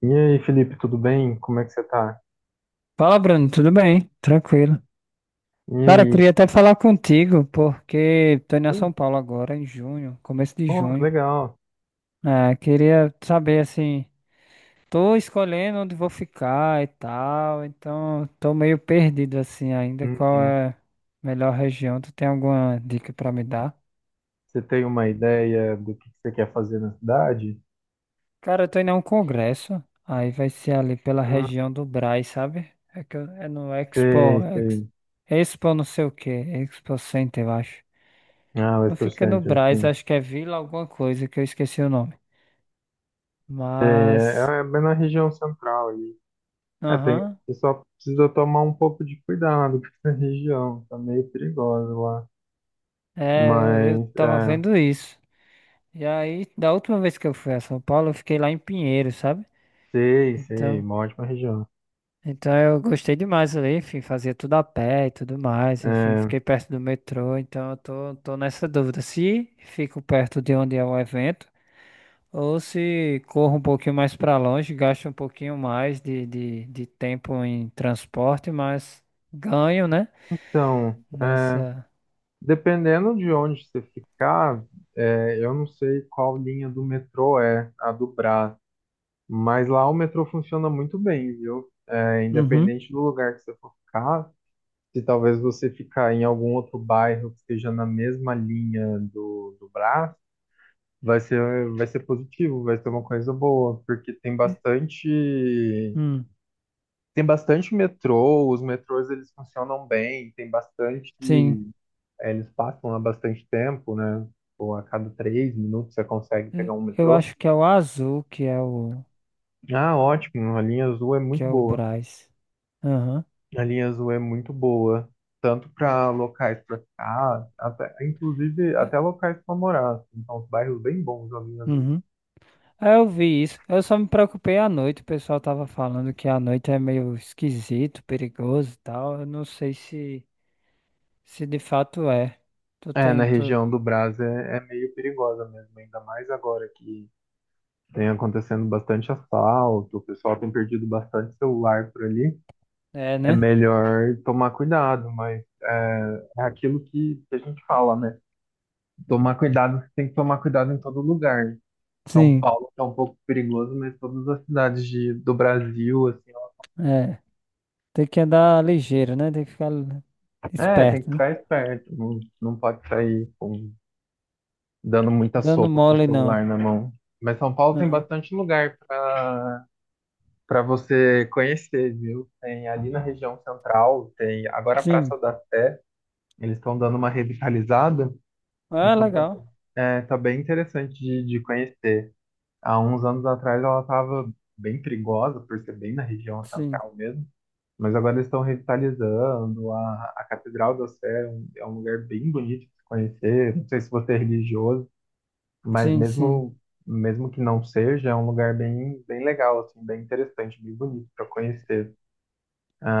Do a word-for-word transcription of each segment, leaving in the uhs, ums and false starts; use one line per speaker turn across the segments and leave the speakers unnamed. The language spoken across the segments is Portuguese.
E aí, Felipe, tudo bem? Como é que você tá?
Fala, Bruno, tudo bem? Tranquilo.
E
Cara, eu
aí?
queria até falar contigo, porque tô indo a
Oi.
São Paulo agora, em junho, começo de
Oh, que
junho.
legal.
É, queria saber, assim, tô escolhendo onde vou ficar e tal, então tô meio perdido, assim, ainda. Qual
Uhum.
é a melhor região? Tu tem alguma dica pra me dar?
Você tem uma ideia do que você quer fazer na cidade?
Cara, eu tô indo a um congresso, aí vai ser ali pela
Ah,
região do Brás, sabe? É, que eu- é no
sei,
Expo, Ex-
sei.
Expo não sei o quê, Expo Center, eu acho.
Ah,
Não
Western
fica no
Center,
Brás,
sim.
acho que é Vila alguma coisa, que eu esqueci o nome.
Sei, é,
Mas,
é é bem na região central ali. É, tem,
aham,
você só precisa tomar um pouco de cuidado com essa região. Tá meio perigosa lá.
é, eu, eu
Mas,
tava
é,
vendo isso. E aí, da última vez que eu fui a São Paulo, eu fiquei lá em Pinheiros, sabe?
sei, sei,
Então,
uma ótima região.
então eu gostei demais ali, enfim, fazia tudo a pé e tudo mais, enfim,
É,
fiquei perto do metrô, então eu tô, tô nessa dúvida, se fico perto de onde é o evento, ou se corro um pouquinho mais pra longe, gasto um pouquinho mais de, de, de tempo em transporte, mas ganho, né?
então, é.
Nessa.
Dependendo de onde você ficar, é, eu não sei qual linha do metrô é a do Brás, mas lá o metrô funciona muito bem, viu? É,
Uhum.
independente do lugar que você for ficar, se talvez você ficar em algum outro bairro que esteja na mesma linha do, do Brás, vai ser, vai ser positivo, vai ser uma coisa boa, porque tem
eh,
bastante,
Hum.
tem bastante metrô, os metrôs eles funcionam bem, tem bastante
Sim.
eh, eles passam há bastante tempo, né? Ou a cada três minutos você consegue
eh,
pegar um
Eu
metrô.
acho que é o azul que é o
Ah, ótimo, a linha azul é
que
muito
é o
boa.
Brás. Aham.
A linha azul é muito boa, tanto para locais para ficar, até, inclusive até locais para morar assim. Então, os bairros bem bons da linha azul.
Uhum. Ah, eu vi isso. Eu só me preocupei à noite. O pessoal tava falando que à noite é meio esquisito, perigoso e tal. Eu não sei se se de fato é. Tu
É, na
tem, tu...
região do Brás é, é meio perigosa mesmo, ainda mais agora que tem acontecendo bastante assalto, o pessoal tem perdido bastante celular por ali.
É,
É
né?
melhor tomar cuidado, mas é, é aquilo que a gente fala, né? Tomar cuidado, você tem que tomar cuidado em todo lugar. São
Sim.
Paulo é um pouco perigoso, mas todas as cidades de- do Brasil, assim,
É. Tem que andar ligeiro, né? Tem que ficar
é, tem que
esperto, né?
ficar esperto, não, não pode sair com, dando muita
Dando
sopa com o
mole não.
celular na mão. Mas São Paulo tem
Aham.
bastante lugar para para você conhecer, viu? Tem ali na região central, tem agora a
Sim.
Praça da Sé, eles estão dando uma revitalizada.
Ah,
Então tá,
legal.
é, tá bem interessante de, de conhecer. Há uns anos atrás ela estava bem perigosa, por ser bem na região
Sim.
central mesmo, mas agora eles estão revitalizando. A, a Catedral da Sé é um, é um lugar bem bonito de se conhecer. Não sei se você é religioso, mas
Sim, sim.
mesmo, mesmo que não seja, é um lugar bem, bem legal, assim, bem interessante, bem bonito para conhecer.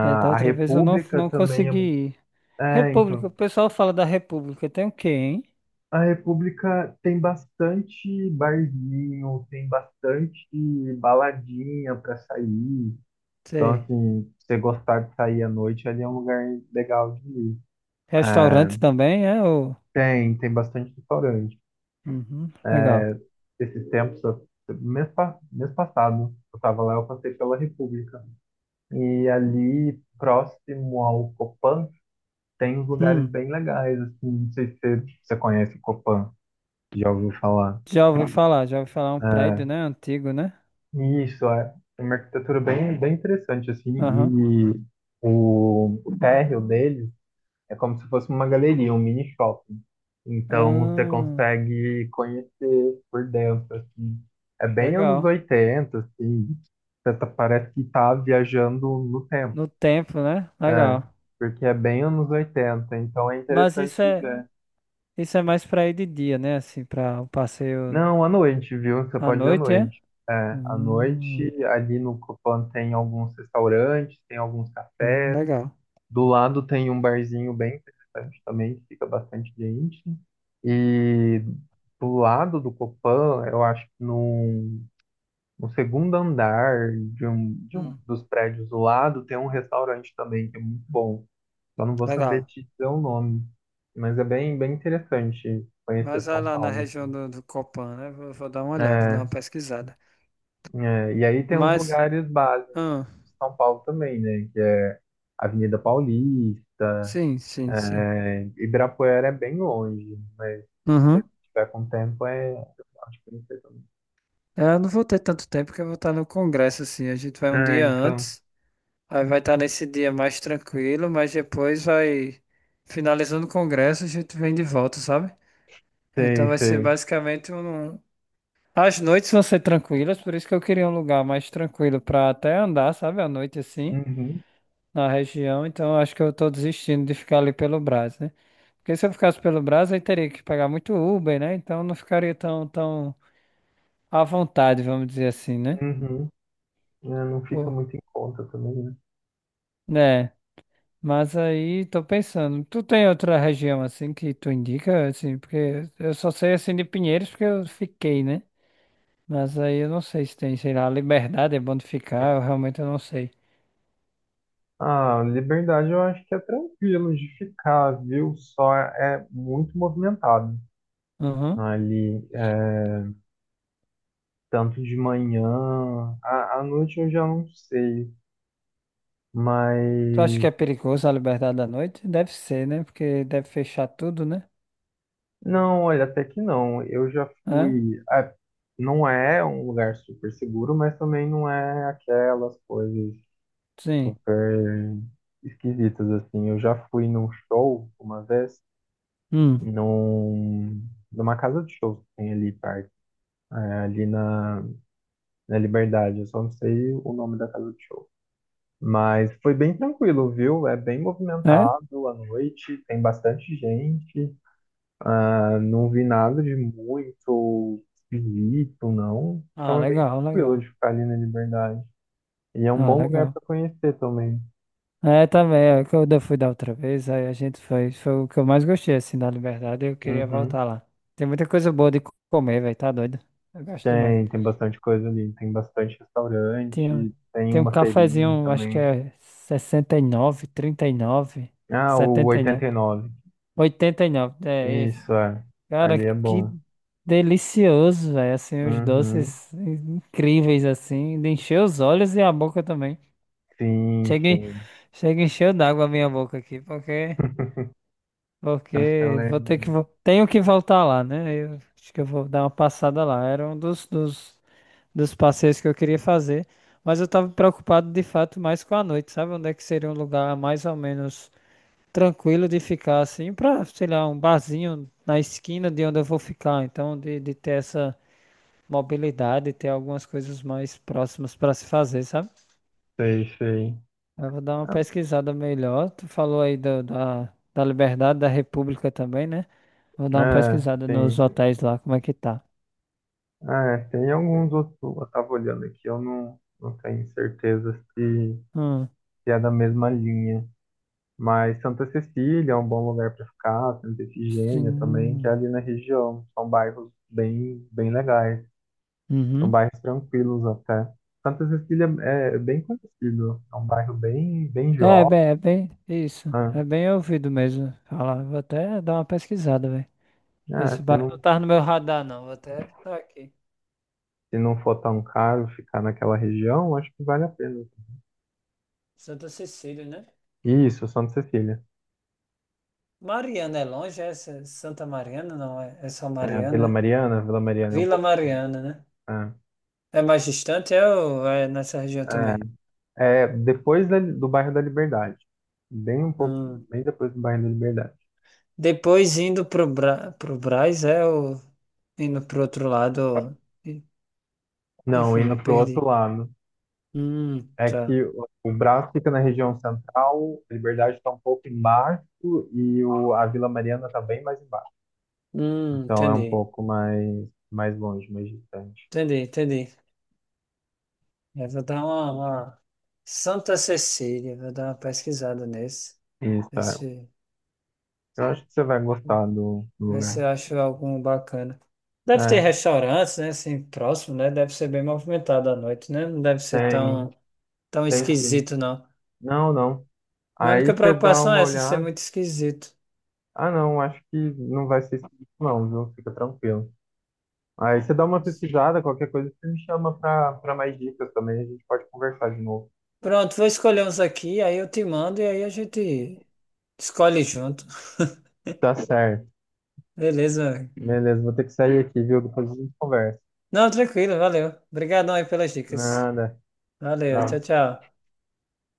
É, da
a
outra vez eu não,
República
não
também é,
consegui
mu-
ir.
é,
República,
então.
o pessoal fala da República. Tem o quê, hein?
A República tem bastante barzinho, tem bastante baladinha para sair. Então,
Sei.
assim, se você gostar de sair à noite, ali é um lugar legal de ir.
Restaurante também, é? Ou...
Tem, tem bastante restaurante.
Uhum, legal.
Esses tempos, eu- mês, pa- mês passado, eu estava lá, eu passei pela República. E ali, próximo ao Copan, tem uns lugares
Hum,
bem legais, assim, não sei se você, você conhece o Copan, já ouviu falar.
já ouvi falar, já ouvi falar. É um prédio,
É,
né? Antigo, né?
isso, é. É uma arquitetura bem, bem interessante, assim,
Aham.
e o, o térreo dele é como se fosse uma galeria, um mini shopping. Então, você
Ah,
consegue conhecer por dentro, assim. É bem anos
legal.
oitenta assim, você tá- parece que tá viajando no tempo,
No tempo, né?
é,
Legal.
porque é bem anos oitenta então é
Mas
interessante
isso
de
é,
ver.
isso é mais pra ir de dia, né? Assim, pra o passeio
Não, à noite, viu? Você
à
pode ir à
noite, é?
noite. É, à noite,
Hum,
ali no Copan tem alguns restaurantes, tem alguns
hum,
cafés.
legal.
Do lado tem um barzinho bem interessante também, que fica bastante gente. E do lado do Copan, eu acho que no, no segundo andar de um, de um
Hum,
dos prédios do lado, tem um restaurante também, que é muito bom. Só não vou saber
legal.
te dizer o nome. Mas é bem, bem interessante conhecer
Mas vai
São
lá na
Paulo.
região do, do Copan, né? Vou, vou dar uma olhada, dar uma
É,
pesquisada.
é, e aí tem os
Mas,
lugares básicos
ah,
de São Paulo também, né? Que é Avenida Paulista,
sim, sim, sim.
é, Ibirapuera é bem longe, mas se
Uhum.
tiver com tempo é. Eu acho que não sei também.
É, eu não vou ter tanto tempo que eu vou estar no congresso, assim. A gente vai um
Ah,
dia
então.
antes, aí vai estar nesse dia mais tranquilo, mas depois vai, finalizando o congresso, a gente vem de volta, sabe? Então
Sei,
vai ser
sei.
basicamente um... As noites vão ser tranquilas, por isso que eu queria um lugar mais tranquilo para até andar, sabe? À noite, assim.
Uhum,
Na região, então acho que eu tô desistindo de ficar ali pelo Brás, né? Porque se eu ficasse pelo Brás, aí teria que pagar muito Uber, né? Então não ficaria tão, tão à vontade, vamos dizer assim, né?
uhum. É, não fica
Pô,
muito em conta também, né?
né? Mas aí tô pensando, tu tem outra região assim que tu indica, assim, porque eu só sei assim de Pinheiros porque eu fiquei, né? Mas aí eu não sei se tem, sei lá, a Liberdade é bom de ficar, eu realmente eu não sei.
Ah, Liberdade eu acho que é tranquilo de ficar, viu? Só é muito movimentado
Uhum.
ali, é, tanto de manhã, à, à noite eu já não sei.
Tu acha que
Mas
é perigoso a Liberdade à noite? Deve ser, né? Porque deve fechar tudo, né?
não, olha, até que não. Eu já fui. Ah, não é um lugar super seguro, mas também não é aquelas coisas
Sim.
super esquisitas assim. Eu já fui num show uma vez,
Hum.
num, numa casa de shows que tem ali perto, é, ali na, na Liberdade. Eu só não sei o nome da casa de show. Mas foi bem tranquilo, viu? É bem
É?
movimentado à noite, tem bastante gente. Ah, não vi nada de muito esquisito, não.
Ah,
Então é bem
legal,
tranquilo
legal.
de ficar ali na Liberdade. E é um
Ah,
bom lugar
legal.
para conhecer também.
É, também, é que eu da- fui da outra vez, aí a gente foi, foi o que eu mais gostei, assim, da Liberdade, eu queria
Uhum.
voltar lá. Tem muita coisa boa de co- comer, velho, tá doido? Eu gosto demais.
Tem, tem bastante coisa ali. Tem bastante
Tem, um-
restaurante, tem
tem um
uma feirinha
cafezinho, acho que
também.
é sessenta e e e nove nove trinta
Ah, o
setenta e nove
oitenta e nove.
oitenta e nove é esse.
Isso, é.
Cara,
Ali é
que
bom.
delicioso, velho, assim, os
Uhum.
doces incríveis, assim, de encher os olhos e a boca também.
Sim,
Chega,
sim.
chega encheu d'água a minha boca aqui, porque, porque
Ela é...
vou ter que, vol- tenho que voltar lá, né? Eu acho que eu vou dar uma passada lá. Era um dos, dos, dos passeios que eu queria fazer, mas eu tava preocupado de fato mais com a noite, sabe? Onde é que seria um lugar mais ou menos tranquilo de ficar assim, pra, sei lá, um barzinho na esquina de onde eu vou ficar. Então, de, de ter essa mobilidade, ter algumas coisas mais próximas pra se fazer, sabe?
Sei, sei.
Eu vou dar uma
Ah,
pesquisada melhor. Tu falou aí da, da, da Liberdade, da República também, né? Vou dar uma
é,
pesquisada nos
sim.
hotéis lá, como é que tá.
Ah, é, tem alguns outros, eu estava olhando aqui, eu não, não tenho certeza se,
Hum,
se é da mesma linha. Mas Santa Cecília é um bom lugar para ficar, Santa Efigênia também, que é
sim.
ali na região. São bairros bem, bem legais, são
Uhum.
bairros tranquilos até. Santa Cecília é é bem conhecido, é um bairro bem, bem
É, é
jovem.
bem, é bem, isso.
Né?
É bem ouvido mesmo falar. Vou até dar uma pesquisada, velho.
É,
Esse
se
bairro não
não,
tá no meu radar, não. Vou até botar aqui.
se não for tão caro ficar naquela região, acho que vale a pena.
Santa Cecília, né?
Isso, Santa Cecília.
Mariana é longe, é S- Santa Mariana, não é? É só
É, a
Mariana,
Vila
né?
Mariana, a Vila Mariana é um
Vila
pouco.
Mariana, né?
É,
É mais distante, é, ou é nessa região
é,
também?
é depois da- do bairro da Liberdade. Bem um pouco,
Hum.
bem depois do bairro da Liberdade.
Depois indo pro, Bra pro Brás, é o. Indo pro outro lado. e-
Não,
Enfim,
indo
me
pro outro
perdi.
lado.
Hum,
É que
tá.
o, o Brás fica na região central, a Liberdade está um pouco embaixo e o, a Vila Mariana está bem mais embaixo.
Hum,
Então é um
entendi.
pouco mais, mais longe, mais distante.
Entendi, entendi. Eu vou dar uma, uma- Santa Cecília, vou dar uma pesquisada nesse.
Isso,
Ver
é.
se,
Eu acho que você vai gostar do, do
ver se
lugar.
eu acho algum bacana. Deve ter
É,
restaurantes, né? Assim, próximo, né? Deve ser bem movimentado à noite, né? Não deve ser
tem,
tão, tão
tem sim.
esquisito, não.
Não, não.
Minha
Aí
única
você dá
preocupação
uma
é essa, ser
olhada.
muito esquisito.
Ah, não, acho que não vai ser isso, não, viu? Fica tranquilo. Aí você dá uma pesquisada, qualquer coisa, você me chama pra, pra mais dicas também, a gente pode conversar de novo.
Pronto, vou escolher uns aqui, aí eu te mando e aí a gente escolhe junto.
Tá certo.
Beleza, meu amigo.
Beleza, vou ter que sair aqui, viu? Depois a gente conversa.
Não, tranquilo, valeu. Obrigadão aí pelas dicas.
Nada.
Valeu, tchau,
Tchau.
tchau.